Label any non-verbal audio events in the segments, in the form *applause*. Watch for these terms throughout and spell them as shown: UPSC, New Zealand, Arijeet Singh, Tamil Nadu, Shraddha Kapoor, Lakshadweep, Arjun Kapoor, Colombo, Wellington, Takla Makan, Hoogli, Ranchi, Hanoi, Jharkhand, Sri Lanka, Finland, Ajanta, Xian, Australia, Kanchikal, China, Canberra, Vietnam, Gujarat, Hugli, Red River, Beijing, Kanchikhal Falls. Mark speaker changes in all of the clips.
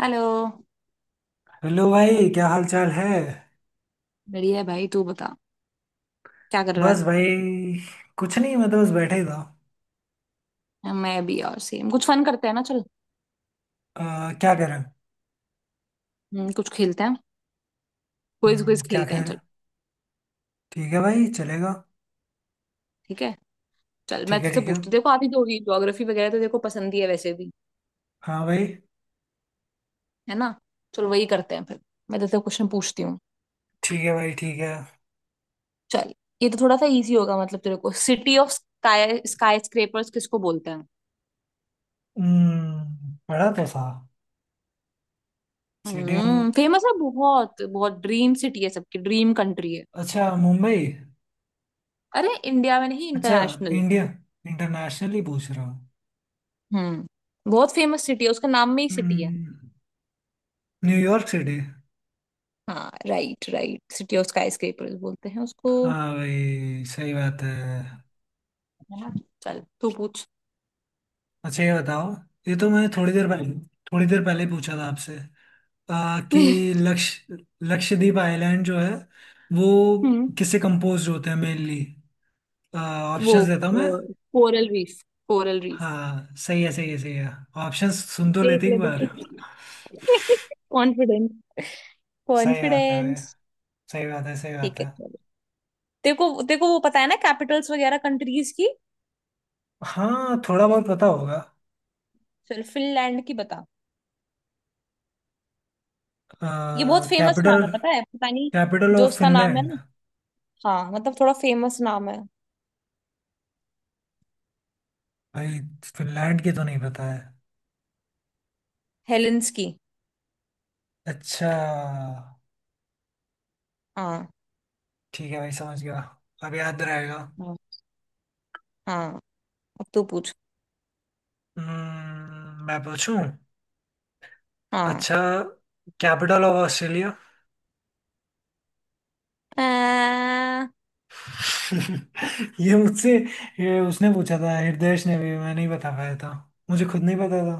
Speaker 1: Hello.
Speaker 2: Hello भाई, क्या हाल चाल है।
Speaker 1: बढ़िया है भाई, तू बता क्या कर रहा है।
Speaker 2: बस भाई, कुछ नहीं, मैं तो बस बैठे ही था।
Speaker 1: मैं भी, और सेम कुछ फन करते हैं ना, चल।
Speaker 2: अ, क्या करें।
Speaker 1: कुछ खेलते हैं। क्विज क्विज
Speaker 2: क्या
Speaker 1: खेलते हैं,
Speaker 2: खैर।
Speaker 1: चल।
Speaker 2: ठीक है भाई, चलेगा।
Speaker 1: ठीक है, चल मैं
Speaker 2: ठीक है,
Speaker 1: तुझसे
Speaker 2: ठीक है।
Speaker 1: पूछती हूँ। देखो, आती तो होगी ज्योग्राफी वगैरह, तो देखो पसंद ही है वैसे भी,
Speaker 2: हाँ भाई।
Speaker 1: है ना। चल वही करते हैं फिर, मैं तुझसे क्वेश्चन पूछती हूँ।
Speaker 2: ठीक है भाई, ठीक है।
Speaker 1: चल, ये तो थोड़ा सा इजी होगा। मतलब तेरे को city of sky skyscrapers किसको बोलते हैं।
Speaker 2: पढ़ा तो था। सिटी ऑफ,
Speaker 1: फेमस है बहुत बहुत, ड्रीम सिटी है, सबकी ड्रीम कंट्री है।
Speaker 2: अच्छा मुंबई।
Speaker 1: अरे इंडिया में नहीं,
Speaker 2: अच्छा।
Speaker 1: इंटरनेशनल।
Speaker 2: इंडिया, इंटरनेशनल ही पूछ रहा हूँ।
Speaker 1: बहुत फेमस सिटी है, उसका नाम में ही सिटी है।
Speaker 2: हम्म, न्यूयॉर्क सिटी।
Speaker 1: हाँ right right, city of skyscrapers बोलते हैं उसको,
Speaker 2: हाँ भाई, सही बात है।
Speaker 1: है ना। चल तू पूछ।
Speaker 2: अच्छा ये बताओ, ये तो मैं थोड़ी देर पहले ही पूछा था आपसे। आ,
Speaker 1: *laughs*
Speaker 2: कि लक्ष लक्षद्वीप आइलैंड जो है वो
Speaker 1: हम्म
Speaker 2: किससे कंपोज होते हैं मेनली।
Speaker 1: वो
Speaker 2: ऑप्शंस देता हूँ मैं।
Speaker 1: Coral reef, coral reef.
Speaker 2: हाँ सही है, सही है, सही है। ऑप्शंस सुन तो
Speaker 1: देख
Speaker 2: लेते
Speaker 1: ले
Speaker 2: एक
Speaker 1: बेटा।
Speaker 2: बार।
Speaker 1: *laughs* कॉन्फिडेंस
Speaker 2: सही आता है।
Speaker 1: कॉन्फिडेंस।
Speaker 2: सही बात है, सही बात
Speaker 1: ठीक है,
Speaker 2: है।
Speaker 1: चलो। तेरे को वो पता है ना, कैपिटल्स वगैरह कंट्रीज की।
Speaker 2: हाँ थोड़ा बहुत पता होगा।
Speaker 1: चल फिनलैंड की बता। ये बहुत फेमस
Speaker 2: कैपिटल
Speaker 1: नाम है, पता है पता नहीं।
Speaker 2: कैपिटल
Speaker 1: जो
Speaker 2: ऑफ
Speaker 1: उसका नाम है
Speaker 2: फिनलैंड।
Speaker 1: ना, हाँ मतलब थोड़ा फेमस नाम है।
Speaker 2: भाई फिनलैंड की तो नहीं पता है।
Speaker 1: हेलेंस की।
Speaker 2: अच्छा।
Speaker 1: हाँ
Speaker 2: ठीक है भाई, समझ गया। अब याद रहेगा।
Speaker 1: हाँ हाँ, अब तू पूछ।
Speaker 2: मैं पूछूं।
Speaker 1: हाँ।
Speaker 2: अच्छा, कैपिटल ऑफ ऑस्ट्रेलिया। *laughs* ये मुझसे, ये उसने पूछा था, हृदयेश ने भी, मैं नहीं बता पाया था। मुझे खुद नहीं पता था।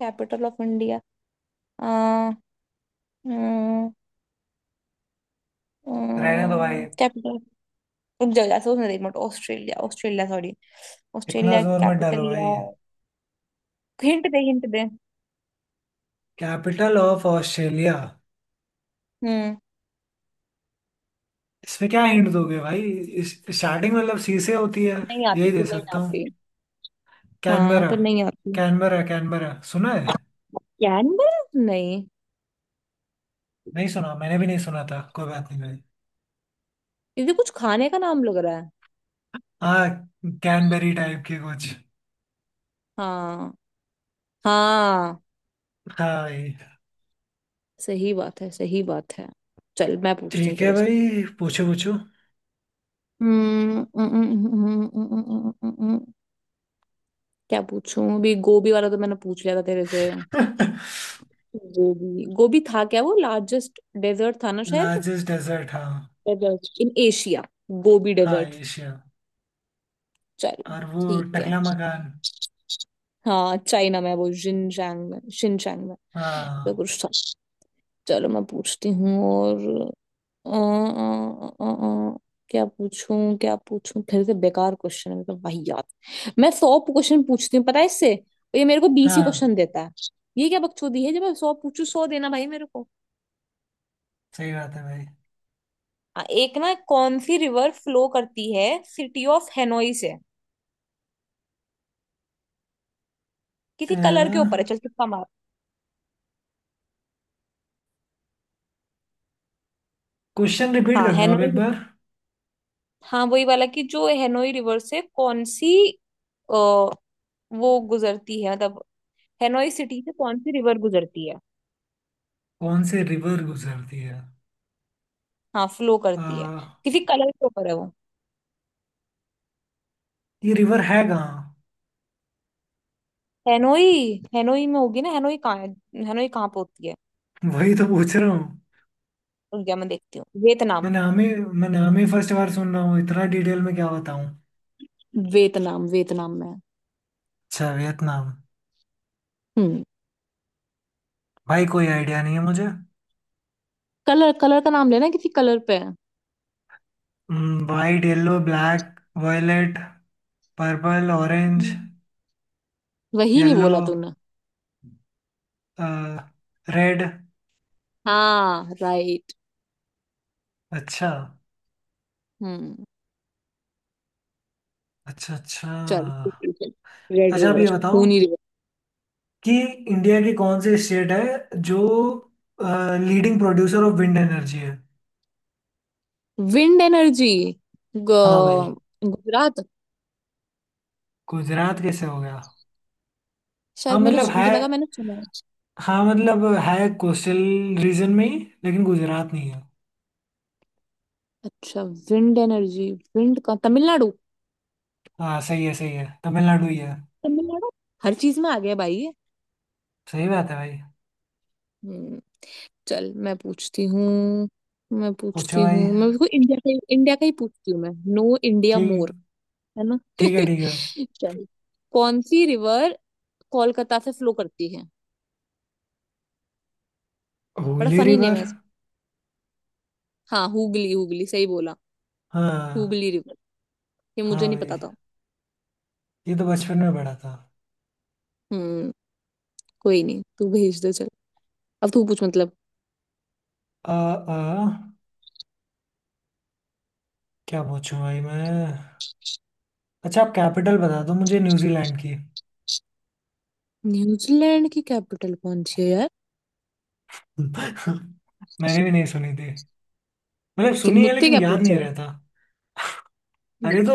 Speaker 1: Capital of India?
Speaker 2: रहने दो भाई।
Speaker 1: कैपिटल, रुक जाओ यार सोचने दे मत। Australia Australia, sorry.
Speaker 2: इतना
Speaker 1: ऑस्ट्रेलिया
Speaker 2: जोर मत डालो
Speaker 1: कैपिटल या।
Speaker 2: भाई।
Speaker 1: हिंट दे, हिंट दे।
Speaker 2: Capital of Australia.
Speaker 1: हम्म
Speaker 2: इसमें क्या हिंट दोगे भाई। इस स्टार्टिंग मतलब सी से होती है।
Speaker 1: नहीं आती,
Speaker 2: यही दे
Speaker 1: फिर नहीं
Speaker 2: सकता हूँ।
Speaker 1: आती। हाँ
Speaker 2: कैनबरा।
Speaker 1: पर नहीं आती।
Speaker 2: कैनबरा, कैनबरा सुना है।
Speaker 1: कैनबरा? नहीं।
Speaker 2: नहीं सुना, मैंने भी नहीं सुना था, कोई बात नहीं भाई।
Speaker 1: क्योंकि कुछ खाने का नाम लग रहा है।
Speaker 2: हाँ। कैनबेरी टाइप के कुछ।
Speaker 1: हाँ। हाँ
Speaker 2: हाँ भाई।
Speaker 1: सही बात है, सही बात है। चल मैं पूछती हूँ
Speaker 2: ठीक है
Speaker 1: तेरे से।
Speaker 2: भाई, पूछो पूछो।
Speaker 1: हम्म, हम्म, हम्म, हम्म, हम्म, हम्म, हम्म, हम्म, हम्म, क्या पूछूं? अभी गोभी वाला तो मैंने पूछ लिया था तेरे से।
Speaker 2: *laughs*
Speaker 1: गोबी, गोबी था क्या वो? लार्जेस्ट डेजर्ट था ना शायद।
Speaker 2: लार्जेस्ट डेजर्ट, हाँ।
Speaker 1: डेजर्ट इन एशिया, गोबी
Speaker 2: हाँ
Speaker 1: डेजर्ट।
Speaker 2: एशिया।
Speaker 1: चलो,
Speaker 2: और वो
Speaker 1: ठीक है।
Speaker 2: टकला मकान।
Speaker 1: हाँ चाइना में, वो जिनचैंग में, शिनचैंग में तो
Speaker 2: हाँ।
Speaker 1: कुछ था। चलो मैं पूछती हूँ और। अ, अ, अ, अ, अ, क्या पूछूं क्या पूछूं? फिर से बेकार क्वेश्चन है, मतलब वही याद। मैं 100 क्वेश्चन पूछती हूँ पता है इससे, और ये मेरे को 20 ही
Speaker 2: हाँ
Speaker 1: क्वेश्चन देता है। ये क्या बकचोदी है, जब मैं 100 पूछू, 100 देना भाई मेरे को।
Speaker 2: सही बात है भाई।
Speaker 1: एक ना, कौन सी रिवर फ्लो करती है सिटी ऑफ हेनोई से? किसी कलर के ऊपर है, चल तुक्का मार।
Speaker 2: क्वेश्चन रिपीट
Speaker 1: हाँ,
Speaker 2: करना आप
Speaker 1: हेनोई
Speaker 2: एक
Speaker 1: river।
Speaker 2: बार।
Speaker 1: हाँ वही वाला, कि जो हेनोई रिवर से कौन सी अ, वो गुजरती है, मतलब हेनोई सिटी से कौन सी रिवर गुजरती है।
Speaker 2: कौन से रिवर गुजरती है?
Speaker 1: हाँ फ्लो
Speaker 2: अ,
Speaker 1: करती है। किसी कलर के ऊपर है वो।
Speaker 2: ये रिवर है कहाँ?
Speaker 1: हेनोई। हेनोई में होगी ना, हेनोई कहाँ है? हेनोई कहाँ पे होती है?
Speaker 2: वही तो पूछ रहा हूँ।
Speaker 1: रुक जा, मैं देखती हूँ।
Speaker 2: मैं
Speaker 1: वियतनाम,
Speaker 2: नाम ही मैं नाम ही फर्स्ट बार सुन रहा हूँ, इतना डिटेल में क्या बताऊँ।
Speaker 1: वियतनाम, वियतनाम में है।
Speaker 2: अच्छा, वियतनाम।
Speaker 1: हम्म।
Speaker 2: भाई कोई आइडिया नहीं है मुझे।
Speaker 1: कलर, कलर का नाम लेना, किसी कलर पे है।
Speaker 2: White, yellow, black, violet, purple, orange.
Speaker 1: हम्म। वही नहीं
Speaker 2: येलो,
Speaker 1: बोला तूने?
Speaker 2: रेड।
Speaker 1: हाँ राइट।
Speaker 2: अच्छा।
Speaker 1: हम्म।
Speaker 2: अच्छा, अच्छा।
Speaker 1: चल, रेड
Speaker 2: अच्छा आप ये
Speaker 1: रिवर,
Speaker 2: बताओ
Speaker 1: खूनी रिवर।
Speaker 2: कि इंडिया की कौन सी स्टेट है जो leading producer of wind energy है।
Speaker 1: विंड एनर्जी,
Speaker 2: हाँ भाई।
Speaker 1: गुजरात।
Speaker 2: गुजरात कैसे हो गया? हाँ
Speaker 1: शायद मैंने
Speaker 2: मतलब है
Speaker 1: मुझे लगा मैंने सुना है।
Speaker 2: हाँ मतलब है कोस्टल रीजन में ही, लेकिन गुजरात नहीं है।
Speaker 1: अच्छा, विंड एनर्जी, विंड का तमिलनाडु।
Speaker 2: हाँ सही है, सही है, तमिलनाडु ही है।
Speaker 1: तमिलनाडु हर चीज में आ गया भाई ये।
Speaker 2: सही बात है भाई।
Speaker 1: हम्म। चल, मैं पूछती हूँ मैं
Speaker 2: पूछो
Speaker 1: पूछती हूँ
Speaker 2: भाई।
Speaker 1: मैं बिल्कुल इंडिया का ही पूछती हूँ, मैं नो इंडिया
Speaker 2: ठीक,
Speaker 1: मोर। है ना।
Speaker 2: ठीक है, ठीक है।
Speaker 1: *laughs* चल, कौन सी रिवर कोलकाता से फ्लो करती है? बड़ा
Speaker 2: हुगली
Speaker 1: फनी नेम
Speaker 2: रिवर।
Speaker 1: है। हाँ, हुगली हुगली सही बोला,
Speaker 2: हाँ।
Speaker 1: हुगली रिवर। ये मुझे
Speaker 2: हाँ
Speaker 1: नहीं
Speaker 2: भाई,
Speaker 1: पता था।
Speaker 2: ये तो बचपन में पढ़ा था।
Speaker 1: हम्म। कोई नहीं, तू भेज दे, चल। अब तू पूछ मतलब।
Speaker 2: आ, आ, क्या पूछूं भाई मैं। अच्छा आप कैपिटल बता दो मुझे न्यूजीलैंड की।
Speaker 1: न्यूजीलैंड की कैपिटल कौन सी है यार?
Speaker 2: *laughs* मैंने भी नहीं सुनी थी। मतलब
Speaker 1: तू
Speaker 2: सुनी है
Speaker 1: मुझसे
Speaker 2: लेकिन
Speaker 1: क्या
Speaker 2: याद
Speaker 1: पूछ
Speaker 2: नहीं
Speaker 1: रहा है।
Speaker 2: रहता। अरे
Speaker 1: हम्म।
Speaker 2: तो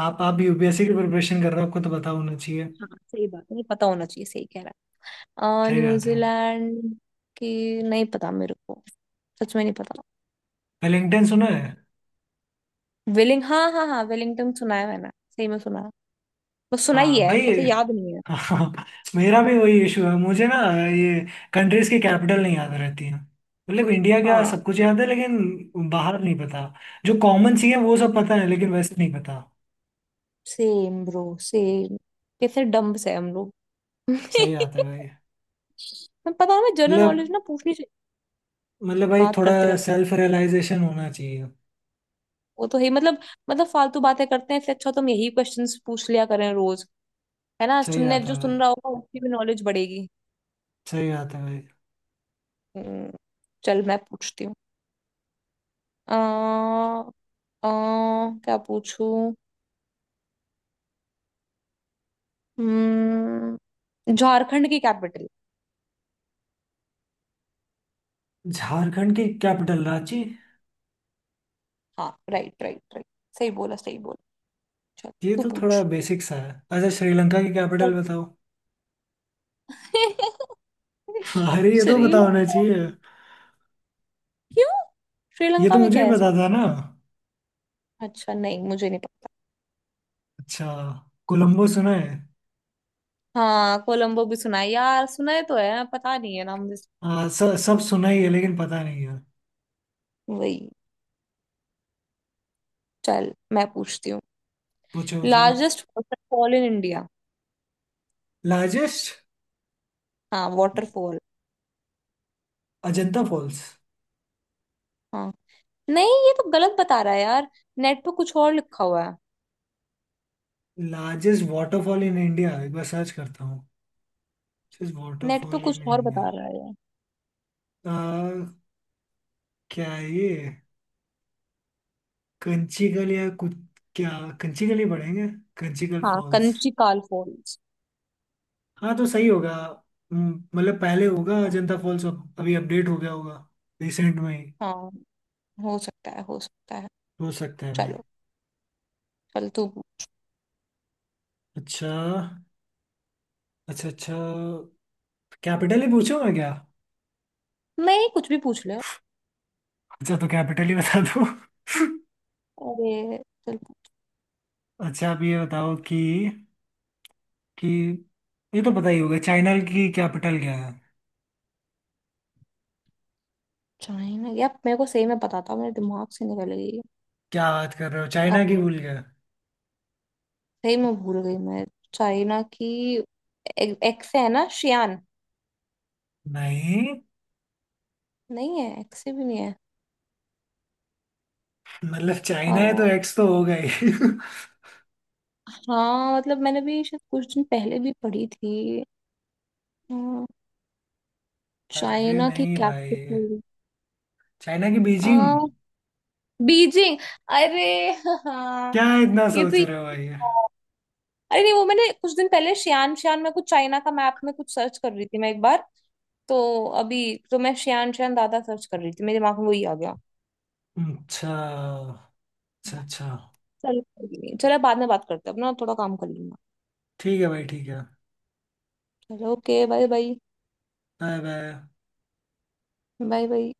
Speaker 2: आप यूपीएससी की प्रिपरेशन कर रहे हो, आपको तो पता होना चाहिए।
Speaker 1: हाँ सही बात है, ये पता होना चाहिए, सही कह रहा है।
Speaker 2: सही बात है।
Speaker 1: न्यूजीलैंड की नहीं पता मेरे को, सच में नहीं पता।
Speaker 2: वेलिंगटन सुना है।
Speaker 1: वेलिंग हाँ हाँ हाँ, वेलिंगटन सुना है, मैंने सही में सुना है। बस सुना ही
Speaker 2: हाँ
Speaker 1: है,
Speaker 2: भाई। *laughs*
Speaker 1: ऐसे याद नहीं है।
Speaker 2: हाँ, मेरा भी वही इशू है, मुझे ना ये कंट्रीज की कैपिटल नहीं याद रहती है। मतलब इंडिया का
Speaker 1: हाँ,
Speaker 2: सब कुछ याद है लेकिन बाहर नहीं पता। जो कॉमन सी है वो सब पता है, लेकिन वैसे नहीं पता।
Speaker 1: Same bro, same. कैसे डम्ब से हम लोग।
Speaker 2: सही बात है
Speaker 1: *laughs*
Speaker 2: भाई।
Speaker 1: मैं पता है, हमें जनरल
Speaker 2: मतलब,
Speaker 1: नॉलेज ना पूछनी चाहिए,
Speaker 2: भाई
Speaker 1: बात
Speaker 2: थोड़ा
Speaker 1: करते रहना।
Speaker 2: सेल्फ रियलाइजेशन होना चाहिए।
Speaker 1: वो तो है ही, मतलब फालतू बातें करते हैं, इससे अच्छा तुम यही क्वेश्चंस पूछ लिया करें रोज, है ना।
Speaker 2: सही
Speaker 1: सुनने
Speaker 2: बात है
Speaker 1: जो
Speaker 2: भाई।
Speaker 1: सुन रहा होगा उसकी भी नॉलेज बढ़ेगी।
Speaker 2: सही बात है भाई।
Speaker 1: हम्म, चल मैं पूछती हूँ। आ, आ, क्या पूछूं? झारखंड की कैपिटल।
Speaker 2: झारखंड की कैपिटल रांची।
Speaker 1: हाँ राइट राइट राइट, सही बोला सही बोला। चल
Speaker 2: ये
Speaker 1: तू
Speaker 2: तो
Speaker 1: पूछ।
Speaker 2: थोड़ा बेसिक सा है, अच्छा श्रीलंका की कैपिटल बताओ।
Speaker 1: *laughs*
Speaker 2: *laughs* अरे ये तो पता होना
Speaker 1: श्रीलंका?
Speaker 2: चाहिए।
Speaker 1: क्यों,
Speaker 2: ये
Speaker 1: श्रीलंका
Speaker 2: तो
Speaker 1: में क्या
Speaker 2: मुझे ही
Speaker 1: है ऐसा?
Speaker 2: पता था ना।
Speaker 1: अच्छा, नहीं मुझे नहीं।
Speaker 2: अच्छा। कोलंबो सुना है।
Speaker 1: हाँ कोलंबो भी सुना है यार, सुना है तो है, पता नहीं है नाम।
Speaker 2: हाँ, सब सुना ही है लेकिन पता नहीं है।
Speaker 1: वही। चल मैं पूछती हूँ।
Speaker 2: पूछो पूछो।
Speaker 1: Largest waterfall in India.
Speaker 2: Largest,
Speaker 1: हाँ वाटरफॉल।
Speaker 2: अजंता फॉल्स।
Speaker 1: हाँ। नहीं ये तो गलत बता रहा है यार, नेट पे कुछ और लिखा हुआ है।
Speaker 2: लार्जेस्ट वाटरफॉल इन इंडिया एक बार सर्च करता हूँ।
Speaker 1: नेट पे
Speaker 2: वाटरफॉल
Speaker 1: कुछ
Speaker 2: इन
Speaker 1: और बता
Speaker 2: इंडिया।
Speaker 1: रहा है ये।
Speaker 2: क्या है ये, कंचीकल या कुछ। क्या? कंचीकल ही पढ़ेंगे। कंचीकल
Speaker 1: हाँ,
Speaker 2: फॉल्स।
Speaker 1: कंचिकाल फॉल्स।
Speaker 2: हाँ तो सही होगा। मतलब पहले होगा
Speaker 1: हाँ,
Speaker 2: अजंता फॉल्स, अब अभी अपडेट हो गया होगा रिसेंट में ही।
Speaker 1: हाँ, हो सकता है, हो सकता है।
Speaker 2: हो सकता है भाई।
Speaker 1: चलो। चल तू पूछ।
Speaker 2: अच्छा, अच्छा, अच्छा। कैपिटल ही पूछूं मैं क्या?
Speaker 1: नहीं, कुछ भी पूछ ले।
Speaker 2: अच्छा तो कैपिटल ही बता दो। *laughs*
Speaker 1: अरे, चल।
Speaker 2: अच्छा आप ये बताओ कि ये तो पता ही होगा, चाइना की कैपिटल क्या है?
Speaker 1: चाइना, यार मेरे को सही में पता था, मेरे दिमाग से निकल
Speaker 2: क्या बात कर रहे हो, चाइना की
Speaker 1: गई,
Speaker 2: भूल गए?
Speaker 1: सही में भूल गई मैं। चाइना की एक से है ना, शियान।
Speaker 2: नहीं।
Speaker 1: नहीं है, एक से भी नहीं है।
Speaker 2: मतलब
Speaker 1: आ,
Speaker 2: चाइना है तो एक्स तो होगा ही। *laughs*
Speaker 1: हाँ मतलब मैंने भी शायद कुछ दिन पहले भी पढ़ी थी। अ,
Speaker 2: अरे
Speaker 1: चाइना की
Speaker 2: नहीं भाई।
Speaker 1: कैपिटल।
Speaker 2: चाइना की बीजिंग।
Speaker 1: आ, बीजिंग। अरे, हाँ।
Speaker 2: क्या इतना
Speaker 1: ये तो,
Speaker 2: सोच रहे हो भाई?
Speaker 1: अरे नहीं वो मैंने कुछ दिन पहले शियान, शियान में कुछ चाइना का मैप में कुछ सर्च कर रही थी मैं एक बार। तो अभी तो मैं शियान शियान दादा सर्च कर रही थी, मेरे दिमाग में वही आ गया।
Speaker 2: अच्छा, अच्छा, अच्छा।
Speaker 1: चल, चलो बाद में बात करते हैं, अपना थोड़ा काम कर लेंगे।
Speaker 2: ठीक है भाई, ठीक है।
Speaker 1: चलो okay, bye bye.
Speaker 2: Bye bye.
Speaker 1: Bye bye.